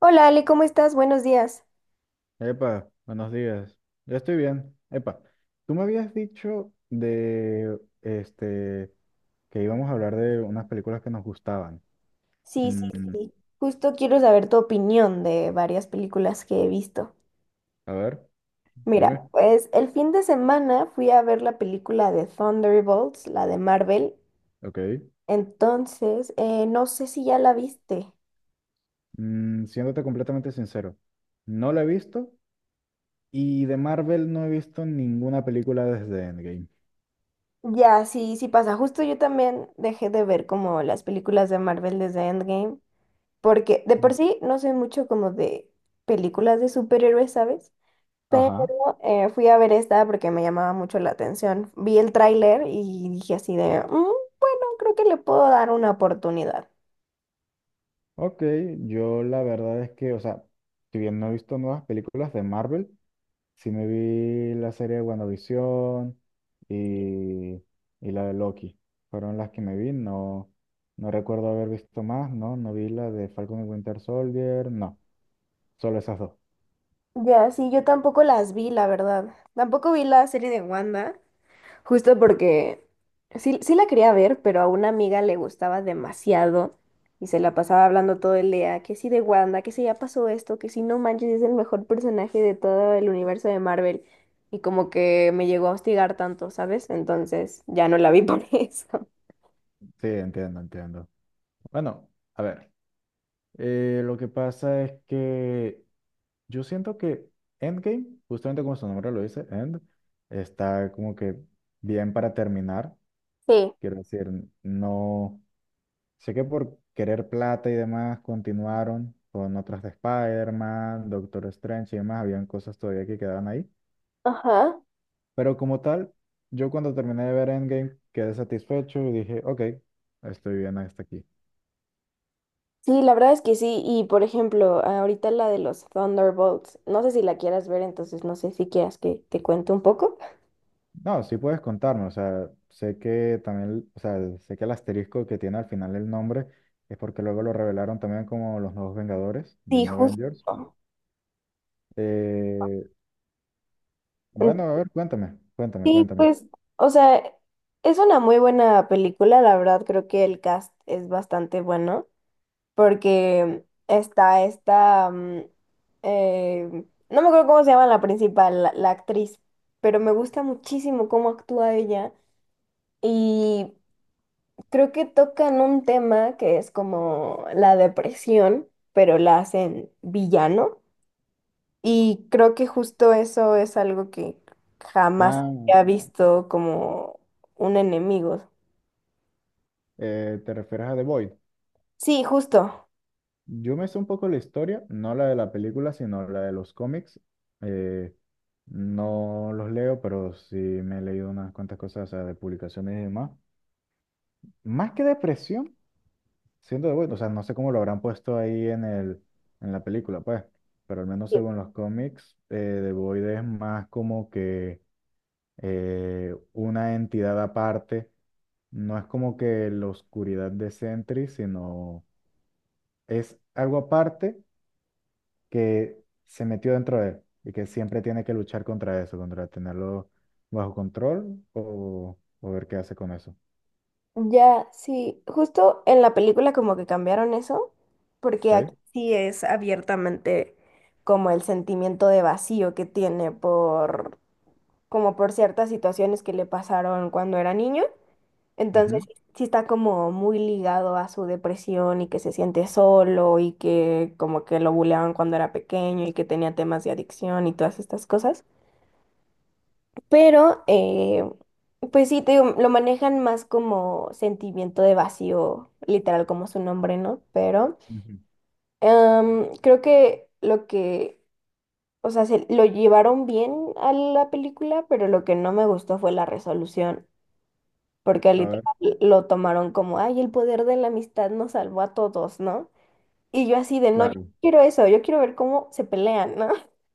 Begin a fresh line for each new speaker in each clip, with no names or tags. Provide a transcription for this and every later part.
Hola Ale, ¿cómo estás? Buenos días.
Epa, buenos días. Yo estoy bien. Epa, tú me habías dicho de que íbamos a hablar de unas películas que nos gustaban.
Sí,
Mm,
sí, sí. Justo quiero saber tu opinión de varias películas que he visto.
a ver,
Mira,
dime.
pues el fin de semana fui a ver la película de Thunderbolts, la de Marvel.
Ok.
Entonces, no sé si ya la viste.
Siéndote completamente sincero, no la he visto y de Marvel no he visto ninguna película desde Endgame.
Ya, sí, sí pasa. Justo yo también dejé de ver como las películas de Marvel desde Endgame, porque de
Mm.
por sí no soy mucho como de películas de superhéroes, ¿sabes? Pero
Ajá.
fui a ver esta porque me llamaba mucho la atención. Vi el tráiler y dije así de, "Mm, bueno, creo que le puedo dar una oportunidad".
Ok, yo la verdad es que, o sea, si bien no he visto nuevas películas de Marvel, sí me vi la serie de WandaVision y, y la de Loki. Fueron las que me vi. No, no recuerdo haber visto más, ¿no? No vi la de Falcon y Winter Soldier, no. Solo esas dos.
Ya, sí, yo tampoco las vi, la verdad. Tampoco vi la serie de Wanda. Justo porque sí, la quería ver, pero a una amiga le gustaba demasiado y se la pasaba hablando todo el día, que sí de Wanda, que sí ya pasó esto, que sí no manches, es el mejor personaje de todo el universo de Marvel. Y como que me llegó a hostigar tanto, ¿sabes? Entonces ya no la vi por eso.
Sí, entiendo, entiendo. Bueno, a ver. Lo que pasa es que yo siento que Endgame, justamente como su nombre lo dice, End, está como que bien para terminar.
Sí,
Quiero decir, no. Sé que por querer plata y demás continuaron con otras de Spider-Man, Doctor Strange y demás, habían cosas todavía que quedaban ahí.
ajá.
Pero como tal, yo cuando terminé de ver Endgame quedé satisfecho y dije, ok, estoy bien hasta aquí.
Sí, la verdad es que sí. Y por ejemplo, ahorita la de los Thunderbolts, no sé si la quieras ver, entonces no sé si quieras que te cuente un poco.
No, sí puedes contarme, o sea, sé que también, o sea, sé que el asterisco que tiene al final el nombre es porque luego lo revelaron también como los nuevos Vengadores, The
Sí,
New Avengers.
justo.
Eh, bueno, a ver, cuéntame, cuéntame,
Sí,
cuéntame.
pues, o sea, es una muy buena película, la verdad, creo que el cast es bastante bueno, porque está eh, no me acuerdo cómo se llama la principal, la actriz, pero me gusta muchísimo cómo actúa ella y creo que tocan un tema que es como la depresión, pero la hacen villano. Y creo que justo eso es algo que jamás
Ah,
había visto como un enemigo.
¿Te refieres a The Void?
Sí, justo.
Yo me sé un poco la historia, no la de la película, sino la de los cómics. Eh, no los leo, pero sí me he leído unas cuantas cosas, o sea, de publicaciones y demás. Más que depresión, siento de bueno, o sea, no sé cómo lo habrán puesto ahí en en la película, pues, pero al menos
Sí.
según los cómics, The Void es más como que una entidad aparte. No es como que la oscuridad de Sentry, sino es algo aparte que se metió dentro de él y que siempre tiene que luchar contra eso, contra tenerlo bajo control o ver qué hace con eso.
Ya, sí, justo en la película como que cambiaron eso, porque aquí
¿Ok?
sí es abiertamente como el sentimiento de vacío que tiene por, como por ciertas situaciones que le pasaron cuando era niño. Entonces,
Ujú,
sí, está como muy ligado a su depresión y que se siente solo y que como que lo buleaban cuando era pequeño y que tenía temas de adicción y todas estas cosas. Pero, pues sí, te digo, lo manejan más como sentimiento de vacío, literal como su nombre, ¿no? Pero
ujú.
creo que o sea, se lo llevaron bien a la película, pero lo que no me gustó fue la resolución. Porque
A ver,
literal lo tomaron como, ay, el poder de la amistad nos salvó a todos, ¿no? Y yo así de, no, yo
claro.
no quiero eso, yo quiero ver cómo se pelean, ¿no?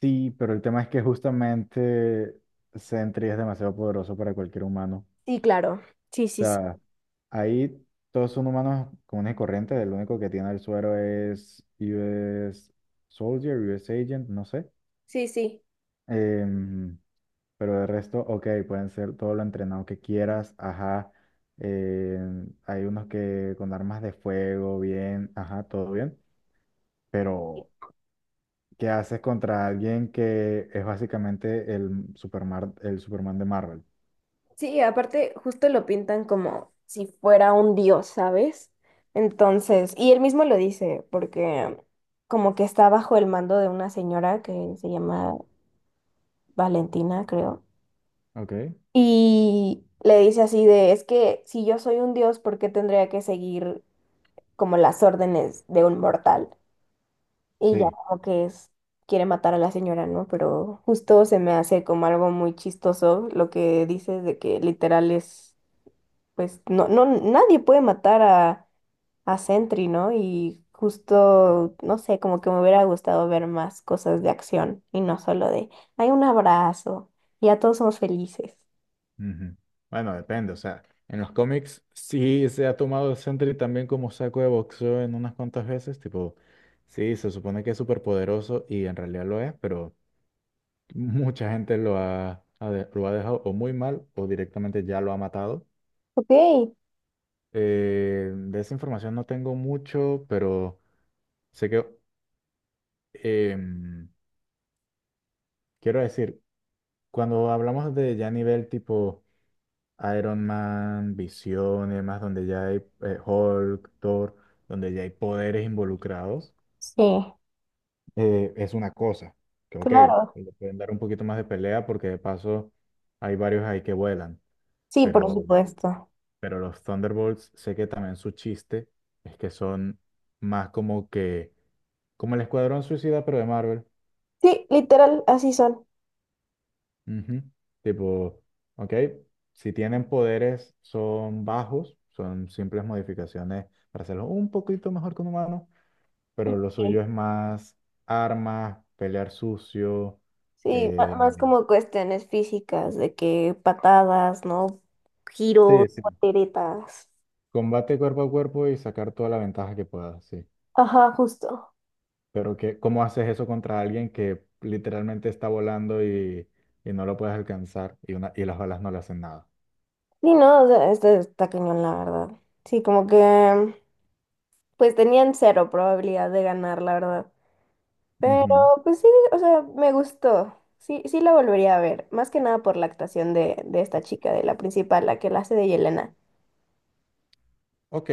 Sí, pero el tema es que justamente Sentry es demasiado poderoso para cualquier humano.
Sí, claro. Sí,
O
sí, sí.
sea, ahí todos son humanos comunes y corrientes. El único que tiene el suero es US Soldier, US Agent, no sé.
Sí, sí.
Em, Pero de resto, ok, pueden ser todo lo entrenado que quieras, ajá. eh, Hay unos que con armas de fuego, bien, ajá, todo bien. Pero, ¿qué haces contra alguien que es básicamente el Superman de Marvel?
Sí, aparte justo lo pintan como si fuera un dios, ¿sabes? Entonces, y él mismo lo dice, porque como que está bajo el mando de una señora que se llama Valentina, creo.
Ok,
Y le dice así de, es que si yo soy un dios, ¿por qué tendría que seguir como las órdenes de un mortal? Y ya
sí.
como que es, quiere matar a la señora, ¿no? Pero justo se me hace como algo muy chistoso lo que dices de que literal es, pues, no, nadie puede matar a Sentry, ¿no? Y justo, no sé, como que me hubiera gustado ver más cosas de acción y no solo de, hay un abrazo y ya todos somos felices.
Ujú. Bueno, depende, o sea, en los cómics sí se ha tomado el Sentry también como saco de boxeo en unas cuantas veces, tipo, sí, se supone que es súper poderoso y en realidad lo es, pero mucha gente lo ha dejado o muy mal o directamente ya lo ha matado.
Ok,
De esa información no tengo mucho, pero sé que em, quiero decir, cuando hablamos de ya nivel tipo Iron Man, Visión y demás, donde ya hay Hulk, Thor, donde ya hay poderes involucrados,
sí,
es una cosa que, ok,
claro.
le pueden dar un poquito más de pelea porque de paso hay varios ahí que vuelan,
Sí, por
pero
supuesto.
Pero los Thunderbolts, sé que también su chiste es que son más como que, como el Escuadrón Suicida, pero de Marvel.
Sí, literal, así son.
Ujú. Tipo, ok, si tienen poderes, son bajos, son simples modificaciones para hacerlo un poquito mejor que un humano, pero lo suyo es más armas, pelear sucio,
Sí,
eh,
más como cuestiones físicas, de que patadas, ¿no? Giros,
sí, sí,
volteretas.
combate cuerpo a cuerpo y sacar toda la ventaja que puedas, sí.
Ajá, justo.
Pero que, ¿cómo haces eso contra alguien que literalmente está volando y no lo puedes alcanzar y, una, y las olas no le hacen nada?
Sí, no, o sea, este está cañón, la verdad. Sí, como que pues tenían cero probabilidad de ganar, la verdad. Pero
Ujú.
pues sí, o sea, me gustó. Sí, sí la volvería a ver, más que nada por la actuación de esta chica, de la principal, la que la hace de Yelena.
Ok,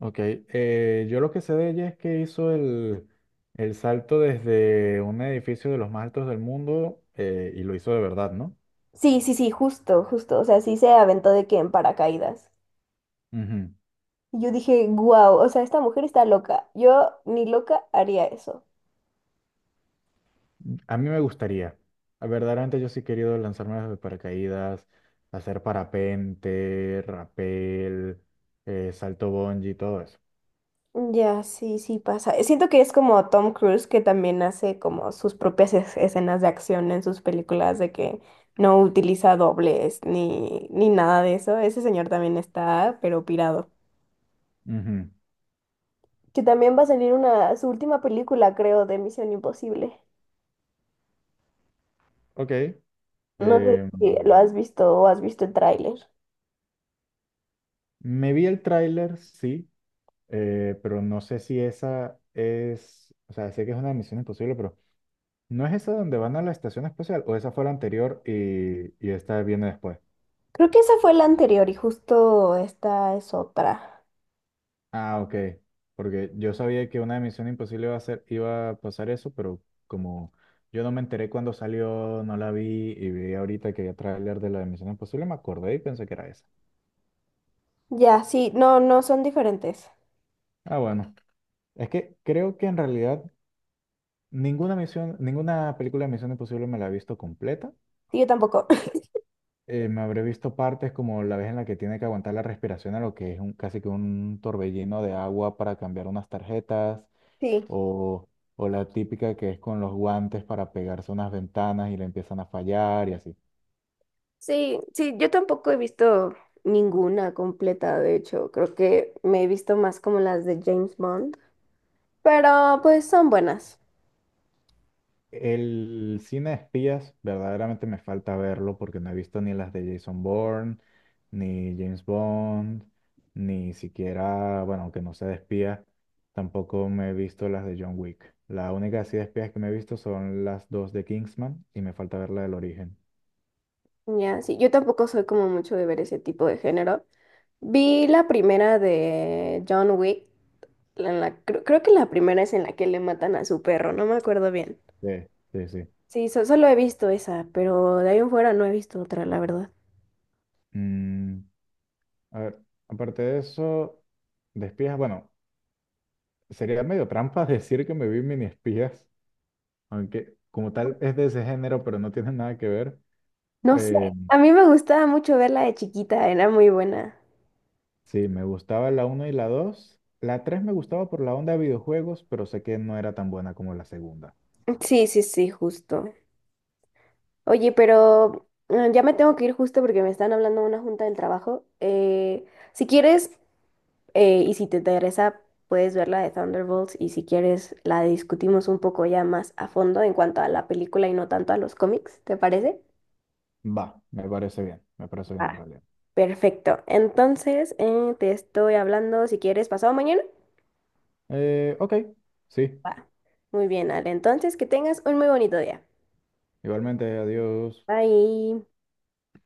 ok. Yo lo que sé de ella es que hizo el salto desde un edificio de los más altos del mundo y lo hizo de verdad, ¿no?
Sí, sí, sí, justo, justo. O sea, sí se aventó de que en paracaídas.
Ujú.
Y yo dije, wow, o sea, esta mujer está loca. Yo ni loca haría eso.
A mí me gustaría. Ah, verdaderamente yo sí he querido lanzarme desde paracaídas, hacer parapente, rapel, salto bungee, todo eso.
Ya, sí, sí pasa. Siento que es como Tom Cruise que también hace como sus propias escenas de acción en sus películas de que no utiliza dobles ni, ni nada de eso. Ese señor también está, pero pirado.
Ujú.
Que también va a salir una, su última película, creo, de Misión Imposible.
Ok.
No sé
Eh,
si lo has visto o has visto el tráiler.
Me vi el tráiler, sí, pero no sé si esa es, o sea, sé que es una misión imposible, pero ¿no es esa donde van a la estación espacial o esa fue la anterior y esta viene después?
Creo que esa fue la anterior y justo esta es otra.
Ah, ok, porque yo sabía que una misión imposible iba a ser, iba a pasar eso, pero como yo no me enteré cuando salió, no la vi y vi ahorita que había tráiler de la de misión imposible, me acordé y pensé que era esa.
Ya, sí, no, no son diferentes.
Ah, bueno, es que creo que en realidad ninguna misión, ninguna película de Misión Imposible me la he visto completa.
Sí, yo tampoco.
Me habré visto partes como la vez en la que tiene que aguantar la respiración a lo que es un, casi que un torbellino de agua para cambiar unas tarjetas,
Sí,
o, o la típica que es con los guantes para pegarse a unas ventanas y le empiezan a fallar y así.
sí, sí, yo tampoco he visto ninguna completa, de hecho, creo que me he visto más como las de James Bond, pero pues son buenas.
El cine de espías verdaderamente me falta verlo porque no he visto ni las de Jason Bourne, ni James Bond, ni siquiera, bueno, aunque no sea de espías, tampoco me he visto las de John Wick. La única así de espías que me he visto son las dos de Kingsman y me falta ver la del origen.
Ya, sí, yo tampoco soy como mucho de ver ese tipo de género. Vi la primera de John Wick, creo que la primera es en la que le matan a su perro, no me acuerdo bien.
Sí, sí, sí.
Sí, solo he visto esa, pero de ahí en fuera no he visto otra, la verdad.
Mm, a ver, aparte de eso, de espías, bueno, sería medio trampa decir que me vi mini espías, aunque como tal es de ese género, pero no tiene nada que ver.
No sé,
Eh,
a mí me gustaba mucho verla de chiquita, era muy buena.
sí, me gustaba la uno y la 2. La 3 me gustaba por la onda de videojuegos, pero sé que no era tan buena como la segunda.
Sí, sí, sí, justo. Oye, pero ya me tengo que ir justo porque me están hablando de una junta del trabajo. Si quieres, y si te interesa, puedes ver la de Thunderbolts y si quieres, la discutimos un poco ya más a fondo en cuanto a la película y no tanto a los cómics, ¿te parece?
Va, me parece bien en
Ah,
realidad.
perfecto. Entonces, te estoy hablando, si quieres, pasado mañana.
Ok, sí,
Va. Muy bien, Ale. Entonces, que tengas un muy bonito día.
igualmente, adiós.
Bye.